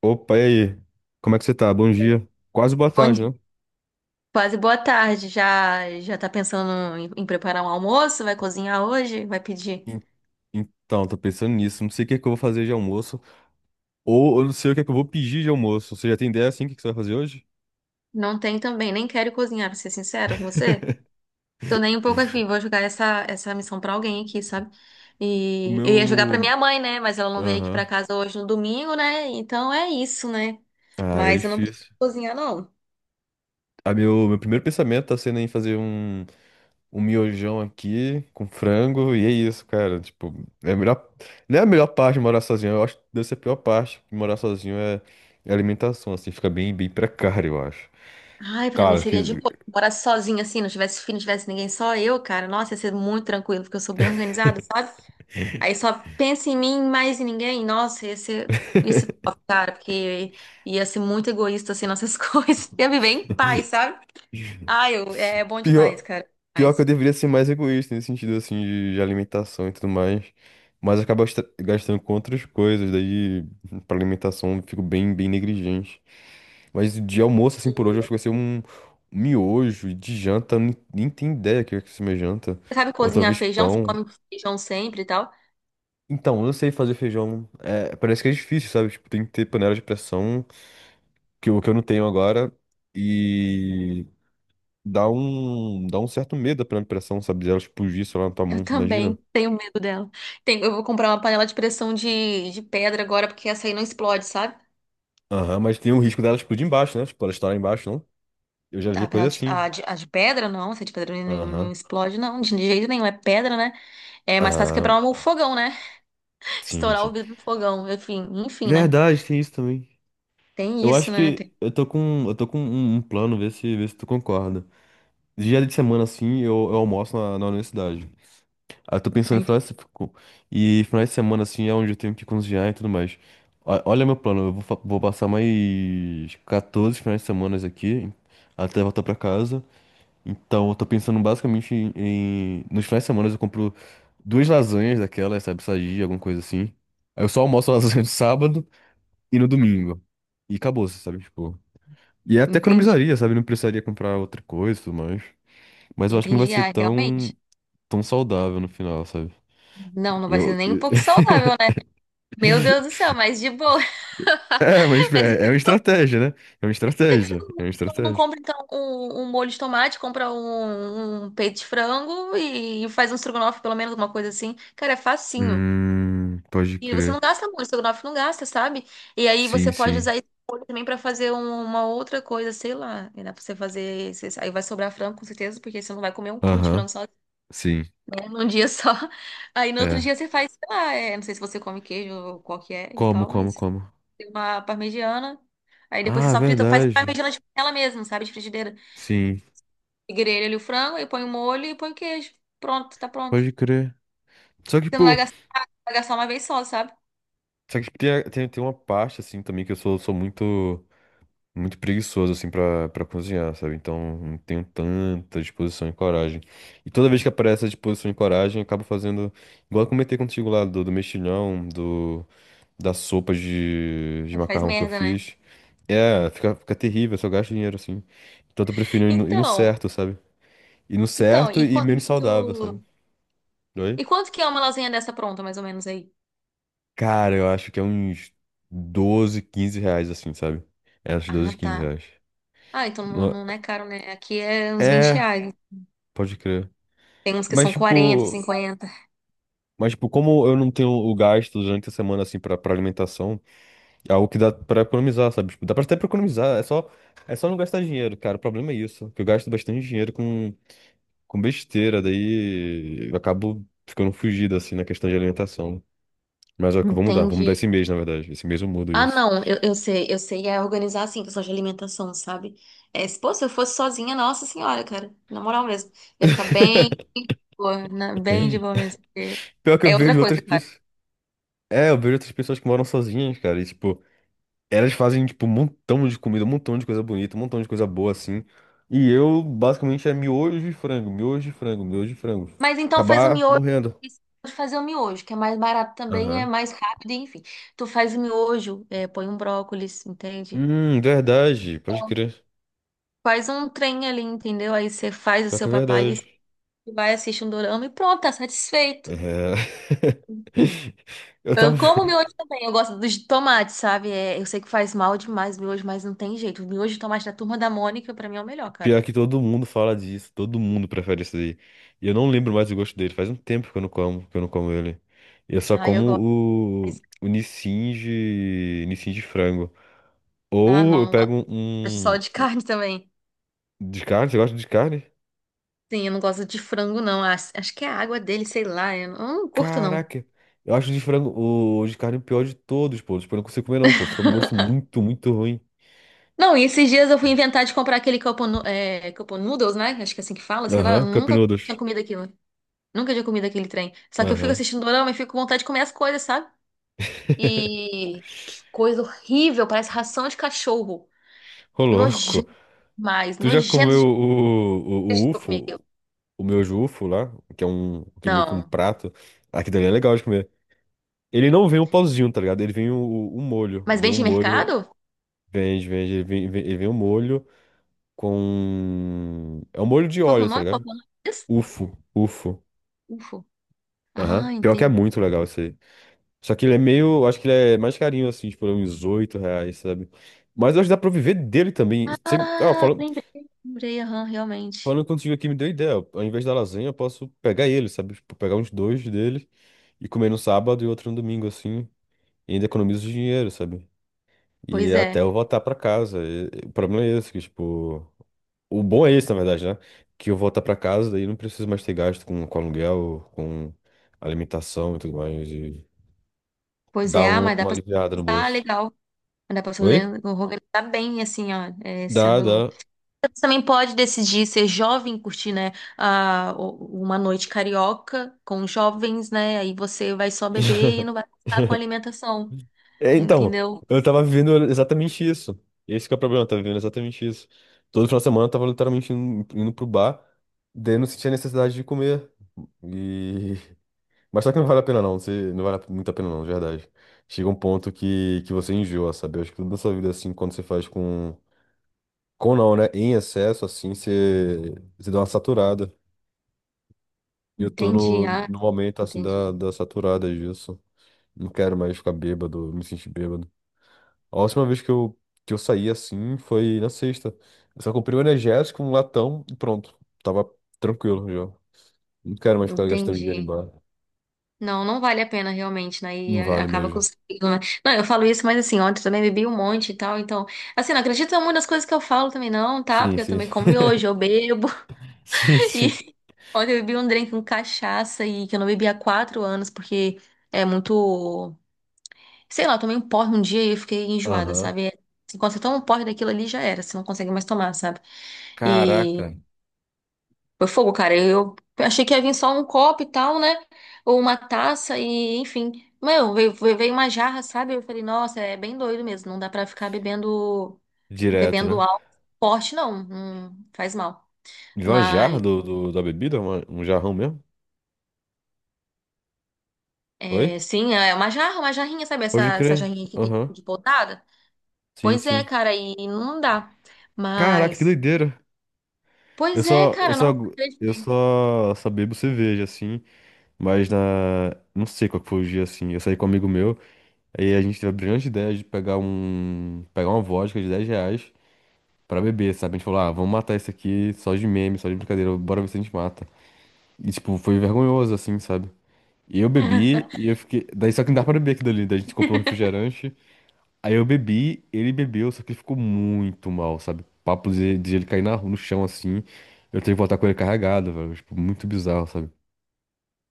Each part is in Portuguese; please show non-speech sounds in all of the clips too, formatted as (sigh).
Opa, e aí? Como é que você tá? Bom Sim. dia. Quase boa Bom tarde, dia. né? Quase boa tarde. Já já tá pensando em preparar um almoço? Vai cozinhar hoje? Vai pedir? En- Então, tô pensando nisso. Não sei o que é que eu vou fazer de almoço. Ou eu não sei o que é que eu vou pedir de almoço. Você já tem ideia, assim, o que que você vai fazer hoje? Não tem também. Nem quero cozinhar, pra ser sincero com você. Tô nem um pouco afim. Vou jogar essa missão pra alguém aqui, sabe? O E eu ia jogar pra meu... minha mãe, né? Mas ela não veio aqui pra Aham. casa hoje no domingo, né? Então é isso, né? Ah, é Mas eu não preciso difícil. cozinhar, não. Ah, meu primeiro pensamento tá sendo em fazer um miojão aqui com frango. E é isso, cara. Tipo, é a melhor... Não é a melhor parte de morar sozinho. Eu acho que deve ser a pior parte. Morar sozinho é alimentação, assim. Fica bem precário, eu acho. Ai, pra mim Cara, que seria de boa. Se eu morasse sozinha assim, não tivesse filho, não tivesse ninguém, só eu, cara. Nossa, ia ser muito tranquilo, porque eu sou bem organizada, sabe? Aí só pensa em mim, mais em ninguém. Nossa, esse top, cara, porque ia ser muito egoísta assim nossas (laughs) coisas. Ia viver em paz, sabe? Ah, eu, é bom demais, Pior, cara. pior que eu Demais. deveria ser mais egoísta nesse sentido, assim, de alimentação e tudo mais. Mas eu acabo gastando com outras coisas, daí pra alimentação eu fico bem negligente. Mas de almoço, assim, por hoje, eu acho que vai ser um miojo. E de janta, eu nem tenho ideia o que vai ser minha janta. Você sabe Ou cozinhar talvez feijão? Você pão. come feijão sempre e tal? Então, eu não sei fazer feijão. É, parece que é difícil, sabe? Tipo, tem que ter panela de pressão, que, o que eu não tenho agora. Dá um certo medo pela impressão, sabe? De ela explodir, sei lá, na tua Eu mão, também imagina. tenho medo dela. Tem, eu vou comprar uma panela de pressão de pedra agora, porque essa aí não explode, sabe? Aham, mas tem o risco dela explodir embaixo, né? Tipo, ela estourar embaixo, não? Eu já vi A, coisa penal de, assim. a, de, a de pedra, não. Se a de pedra não, Aham. não explode, não. De jeito nenhum. É pedra, né? É mais fácil Ah, quebrar o fogão, né? (laughs) Estourar o sim. vidro do fogão. Enfim, enfim, né? Verdade, tem isso também. Tem Eu isso, acho né? que eu tô com um plano, ver se tu concorda. Dia de semana, assim, eu almoço na universidade. Ah, eu tô Ah, pensando em ent- final de, se- co- e final de semana, assim, é onde eu tenho que cozinhar e tudo mais. Olha meu plano, vou passar mais 14 finais de semana aqui, até voltar pra casa. Então, eu tô pensando basicamente em... Nos finais de semana eu compro duas lasanhas daquelas, sabe, sadia, alguma coisa assim. Aí eu só almoço a (laughs) lasanha no sábado e no domingo. E acabou, sabe, tipo... E até Entendi. economizaria, sabe, não precisaria comprar outra coisa e tudo mais. Mas eu acho que não vai Entendi. ser Ah, realmente. tão saudável no final, sabe? Não, não vai ser Eu, nem um pouco saudável, né? Meu Deus do (laughs) céu, mas de boa. é, mas (laughs) Mas é, é uma estratégia, né? É uma por que que você estratégia. É uma não estratégia. compra, então, um molho de tomate, compra um peito de frango e faz um estrogonofe, pelo menos, alguma coisa assim? Cara, é facinho. Pode E você crer. não gasta muito, estrogonofe não gasta, sabe? E aí você Sim, pode sim. usar esse molho também pra fazer uma outra coisa, sei lá. E dá pra você fazer aí vai sobrar frango, com certeza, porque você não vai comer um quilo de Aham, frango só, sim. né, num dia (laughs) só. Aí no outro É. dia você faz, sei lá, é, não sei se você come queijo ou qual que é e Como, tal, como, mas como? tem uma parmegiana. Aí depois Ah, você é só frita, faz verdade. parmegiana de panela mesmo, sabe? De frigideira. Sim, E grelha ali o frango, aí põe o molho e põe o queijo. Pronto, tá pronto. pode crer. Só que, Você não vai pô, gastar, vai gastar uma vez só, sabe? só que tem uma parte, assim, também que eu sou muito, muito preguiçoso, assim, pra cozinhar, sabe? Então, não tenho tanta disposição e coragem. E toda vez que aparece a disposição e coragem, eu acabo fazendo, igual eu comentei contigo lá, do mexilhão, do. Da sopa de Aí faz macarrão que eu merda, né? fiz. É, fica terrível, só gasto dinheiro assim. Então eu tô preferindo ir no Então. certo, sabe? Ir no Então, certo e menos saudável, sabe? Oi? e quanto que é uma lasanha dessa pronta, mais ou menos aí? Cara, eu acho que é uns 12 15 reais assim, sabe? É, uns Ah, 12, 15 tá. reais. Ah, então não, No- não é caro, né? Aqui é uns 20 É, reais. pode crer. Tem uns que Mas são 40, tipo, 50. mas tipo, como eu não tenho o gasto durante a semana assim pra alimentação, é algo que dá pra economizar, sabe? Tipo, dá pra até pra economizar, é só não gastar dinheiro, cara. O problema é isso, que eu gasto bastante dinheiro com besteira, daí eu acabo ficando fugido, assim, na questão de alimentação. Mas ó, que eu vou mudar esse Entendi. mês, na verdade. Esse mês eu mudo Ah, isso. não, eu sei, eu sei, é organizar assim, questão de alimentação, sabe? É, se eu fosse sozinha, nossa senhora, cara, na moral mesmo, ia ficar bem, de boa, (laughs) bem de boa mesmo, porque Pior que eu é outra vejo outras coisa, cara. pessoas. É, eu vejo outras pessoas que moram sozinhas, cara. E, tipo, elas fazem, tipo, um montão de comida, um montão de coisa bonita, um montão de coisa boa, assim. E eu, basicamente, é miojo de frango, miojo de frango, miojo de frango. Mas então faz o Acabar miojo, morrendo. esqueci de fazer o miojo, que é mais barato também, é Aham. mais rápido, enfim. Tu faz o miojo, é, põe um brócolis, entende? Verdade. Pode crer. Faz um trem ali, entendeu? Aí você faz o Pior que seu é papalis, verdade. vai, assiste um dorama e pronto, tá satisfeito. É. (laughs) Eu tava. Eu como miojo também, eu gosto dos de tomate, sabe? É, eu sei que faz mal demais o miojo, mas não tem jeito. O miojo de tomate da Turma da Mônica, pra mim, é o melhor, cara. Pior que todo mundo fala disso, todo mundo prefere isso aí. E eu não lembro mais o gosto dele, faz um tempo que eu não como, que eu não como ele. Eu só Aí eu gosto, como mas- o Nissin Nissin de frango. ah, Ou não, eu não pego gosto só de (laughs) um carne também. de carne, você gosta de carne? Sim, eu não gosto de frango, não. Acho que é a água dele, sei lá. Eu não curto, não. Caraca, eu acho o de frango, o de carne o pior de todos, pô. Tipo, eu não consigo comer não, pô, fica com gosto muito, muito ruim. Não, e esses dias eu fui inventar de comprar aquele cup noodles, né? Acho que é assim que fala, sei lá. Eu Aham, Cup nunca tinha Noodles. comido aquilo. Nunca tinha comido aquele trem. Só que eu fico Aham. assistindo dorama e fico com vontade de comer as coisas, sabe? E que coisa horrível, parece ração de cachorro. Ô, louco. Nojento Tu já nojento comeu demais o que eu comi UFO? aquilo. O meu jufo lá, que é que é meio que um Não. prato, aqui dali é legal de comer. Ele não vem um pauzinho, tá ligado? Ele vem o molho, Mas vem um vende em molho, mercado? vende, ele vem um molho com é um molho de Qual que é o óleo, tá nome? Qual ligado? que é o nome disso? Ufo, ufo. Ufo. Aham. Ah, Pior que é entendi. muito legal isso aí. Só que ele é meio, acho que ele é mais carinho assim, tipo uns 8 reais, sabe? Mas eu acho que dá pra viver dele também. Você, ah, Ah, lembrei, lembrei, aham, realmente. falando contigo aqui me deu ideia. Ao invés da lasanha, eu posso pegar ele, sabe? Tipo, pegar uns dois deles e comer no sábado e outro no domingo, assim. E ainda economizo dinheiro, sabe? E Pois até é. eu voltar pra casa. E o problema é esse, que, tipo. O bom é esse, na verdade, né? Que eu voltar pra casa, daí não preciso mais ter gasto com aluguel, com alimentação e tudo mais. E Pois é, dá ah, mas dá uma pra... aliviada no Ah, bolso. legal. Dá pra se Oi? Organizar bem, assim, ó, é, Dá, sendo... dá. Você também pode decidir ser jovem, curtir, né, uma noite carioca com jovens, né, aí você vai só beber (laughs) e não vai gastar com alimentação, É, então, entendeu? eu tava vivendo exatamente isso. Esse que é o problema, eu tava vivendo exatamente isso. Todo final de semana eu tava literalmente indo pro bar, daí eu não sentia necessidade de comer. E... (laughs) mas só que não vale a pena não, você, não vale muito a pena não, de verdade. Chega um ponto que você enjoa, sabe? Eu acho que tudo na sua vida, assim, quando você faz com... Com não, né? Em excesso, assim, você dá uma saturada. E eu tô Entendi, ah, no momento, assim, entendi, da saturada disso. Não quero mais ficar bêbado, me sentir bêbado. A última vez que eu saí assim foi na sexta. Eu só comprei um energético, um latão e pronto. Tava tranquilo já. Não quero mais ficar gastando dinheiro em entendi. bar. Não, não vale a pena realmente, né, e Não vale acaba com o mesmo. sentido, né? Não, eu falo isso, mas assim, ontem eu também bebi um monte e tal, então, assim, não acredita em muitas coisas que eu falo também não, tá? Sim, Porque eu sim. também como (laughs) miojo, eu bebo, Sim, sim. e (laughs) ontem eu bebi um drink com cachaça e que eu não bebia há 4 anos, porque é muito. Sei lá, eu tomei um porre um dia e eu fiquei enjoada, Aham. sabe? É, assim, quando você toma um porre daquilo ali, já era, você não consegue mais tomar, sabe? E Caraca, foi fogo, cara. Eu achei que ia vir só um copo e tal, né? Ou uma taça e, enfim. Meu, veio uma jarra, sabe? Eu falei, nossa, é bem doido mesmo. Não dá pra ficar bebendo, direto, né? bebendo álcool forte, não. Não faz mal. De uma jarra Mas. Da bebida? Um jarrão mesmo? Oi? É, sim, é uma jarra, uma jarrinha, sabe? Pode Essa crer. jarrinha que tem Aham. de podada. Sim, Pois é, sim. cara, e não dá. Caraca, que Mas, doideira. Eu pois é, só, eu cara, só, nossa, acreditei. Só bebo cerveja, assim. Mas na. Não sei qual que foi o dia, assim. Eu saí com um amigo meu. Aí a gente teve a brilhante ideia de pegar uma vodka de 10 reais pra beber, sabe? A gente falou, ah, vamos matar isso aqui só de meme, só de brincadeira, bora ver se a gente mata. E, tipo, foi vergonhoso, assim, sabe? E eu bebi (laughs) e eu fiquei. Daí só que não dá pra beber aquilo ali. Daí a gente comprou um refrigerante. Aí eu bebi, ele bebeu, só que ele ficou muito mal, sabe? Papo de ele cair no chão assim. Eu tenho que voltar com ele carregado, velho. Tipo, muito bizarro, sabe?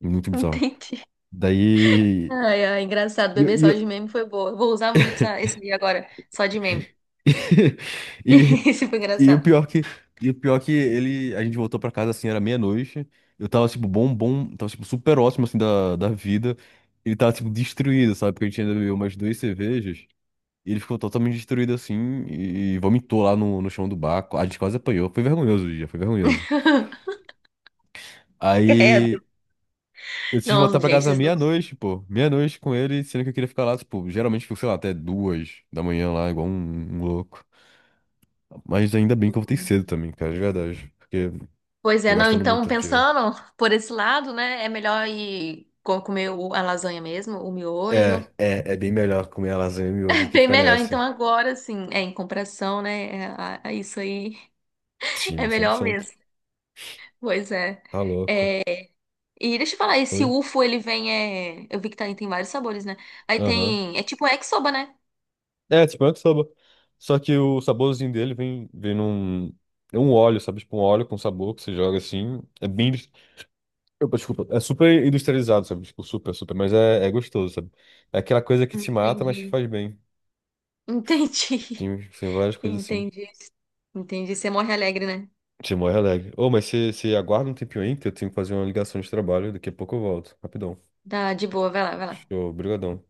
Muito bizarro. Entendi. Daí. Ai, ai, engraçado. E, eu- Bebê e só de eu- meme foi boa. Eu vou usar muito esse dia agora, só de meme. (laughs) (laughs) E, Esse foi e o engraçado. pior que, e o pior que ele, a gente voltou pra casa assim, era meia-noite. Eu tava tipo bom, tava tipo super ótimo assim da vida. Ele tava tipo destruído, sabe? Porque a gente ainda bebeu umas duas cervejas. E ele ficou totalmente destruído assim e vomitou lá no chão do bar. A gente quase apanhou. Foi vergonhoso o dia, foi vergonhoso. (laughs) Credo. Aí eu decidi voltar Não, pra gente, casa vocês não. meia-noite, pô. Meia-noite com ele, sendo que eu queria ficar lá, tipo, geralmente fico, sei lá, até duas da manhã lá, igual um louco. Mas ainda bem que eu voltei cedo também, cara, de verdade. Porque Pois é, tô não. gastando Então, muito dinheiro. pensando por esse lado, né? É melhor ir comer a lasanha mesmo, o miojo. É bem melhor comer a lasanha e miojo do que Bem ficar melhor, nessa. então agora sim, é em comparação, né? É, a isso aí (laughs) é Sim, cem por melhor cento. mesmo. Pois é. Tá louco. E deixa eu falar, esse Oi? UFO ele vem, é, eu vi que tá, tem vários sabores, né? Aí Aham. tem, é tipo yakisoba, né? É, tipo, é que soba. Só que o saborzinho dele vem, vem num. É um óleo, sabe? Tipo, um óleo com sabor que você joga assim. É bem. Opa, desculpa. É super industrializado, sabe? Tipo, super, super. Mas é, é gostoso, sabe? É aquela coisa que te mata, mas te Entendi. faz bem. Entendi. Tem, tem várias (laughs) coisas assim. Entendi. Entendi. Você morre alegre, né? Você morre alegre. Ô, mas você aguarda um tempinho aí que eu tenho que fazer uma ligação de trabalho. Daqui a pouco eu volto. Rapidão. Tá de boa, vai lá, vai lá. Show, brigadão.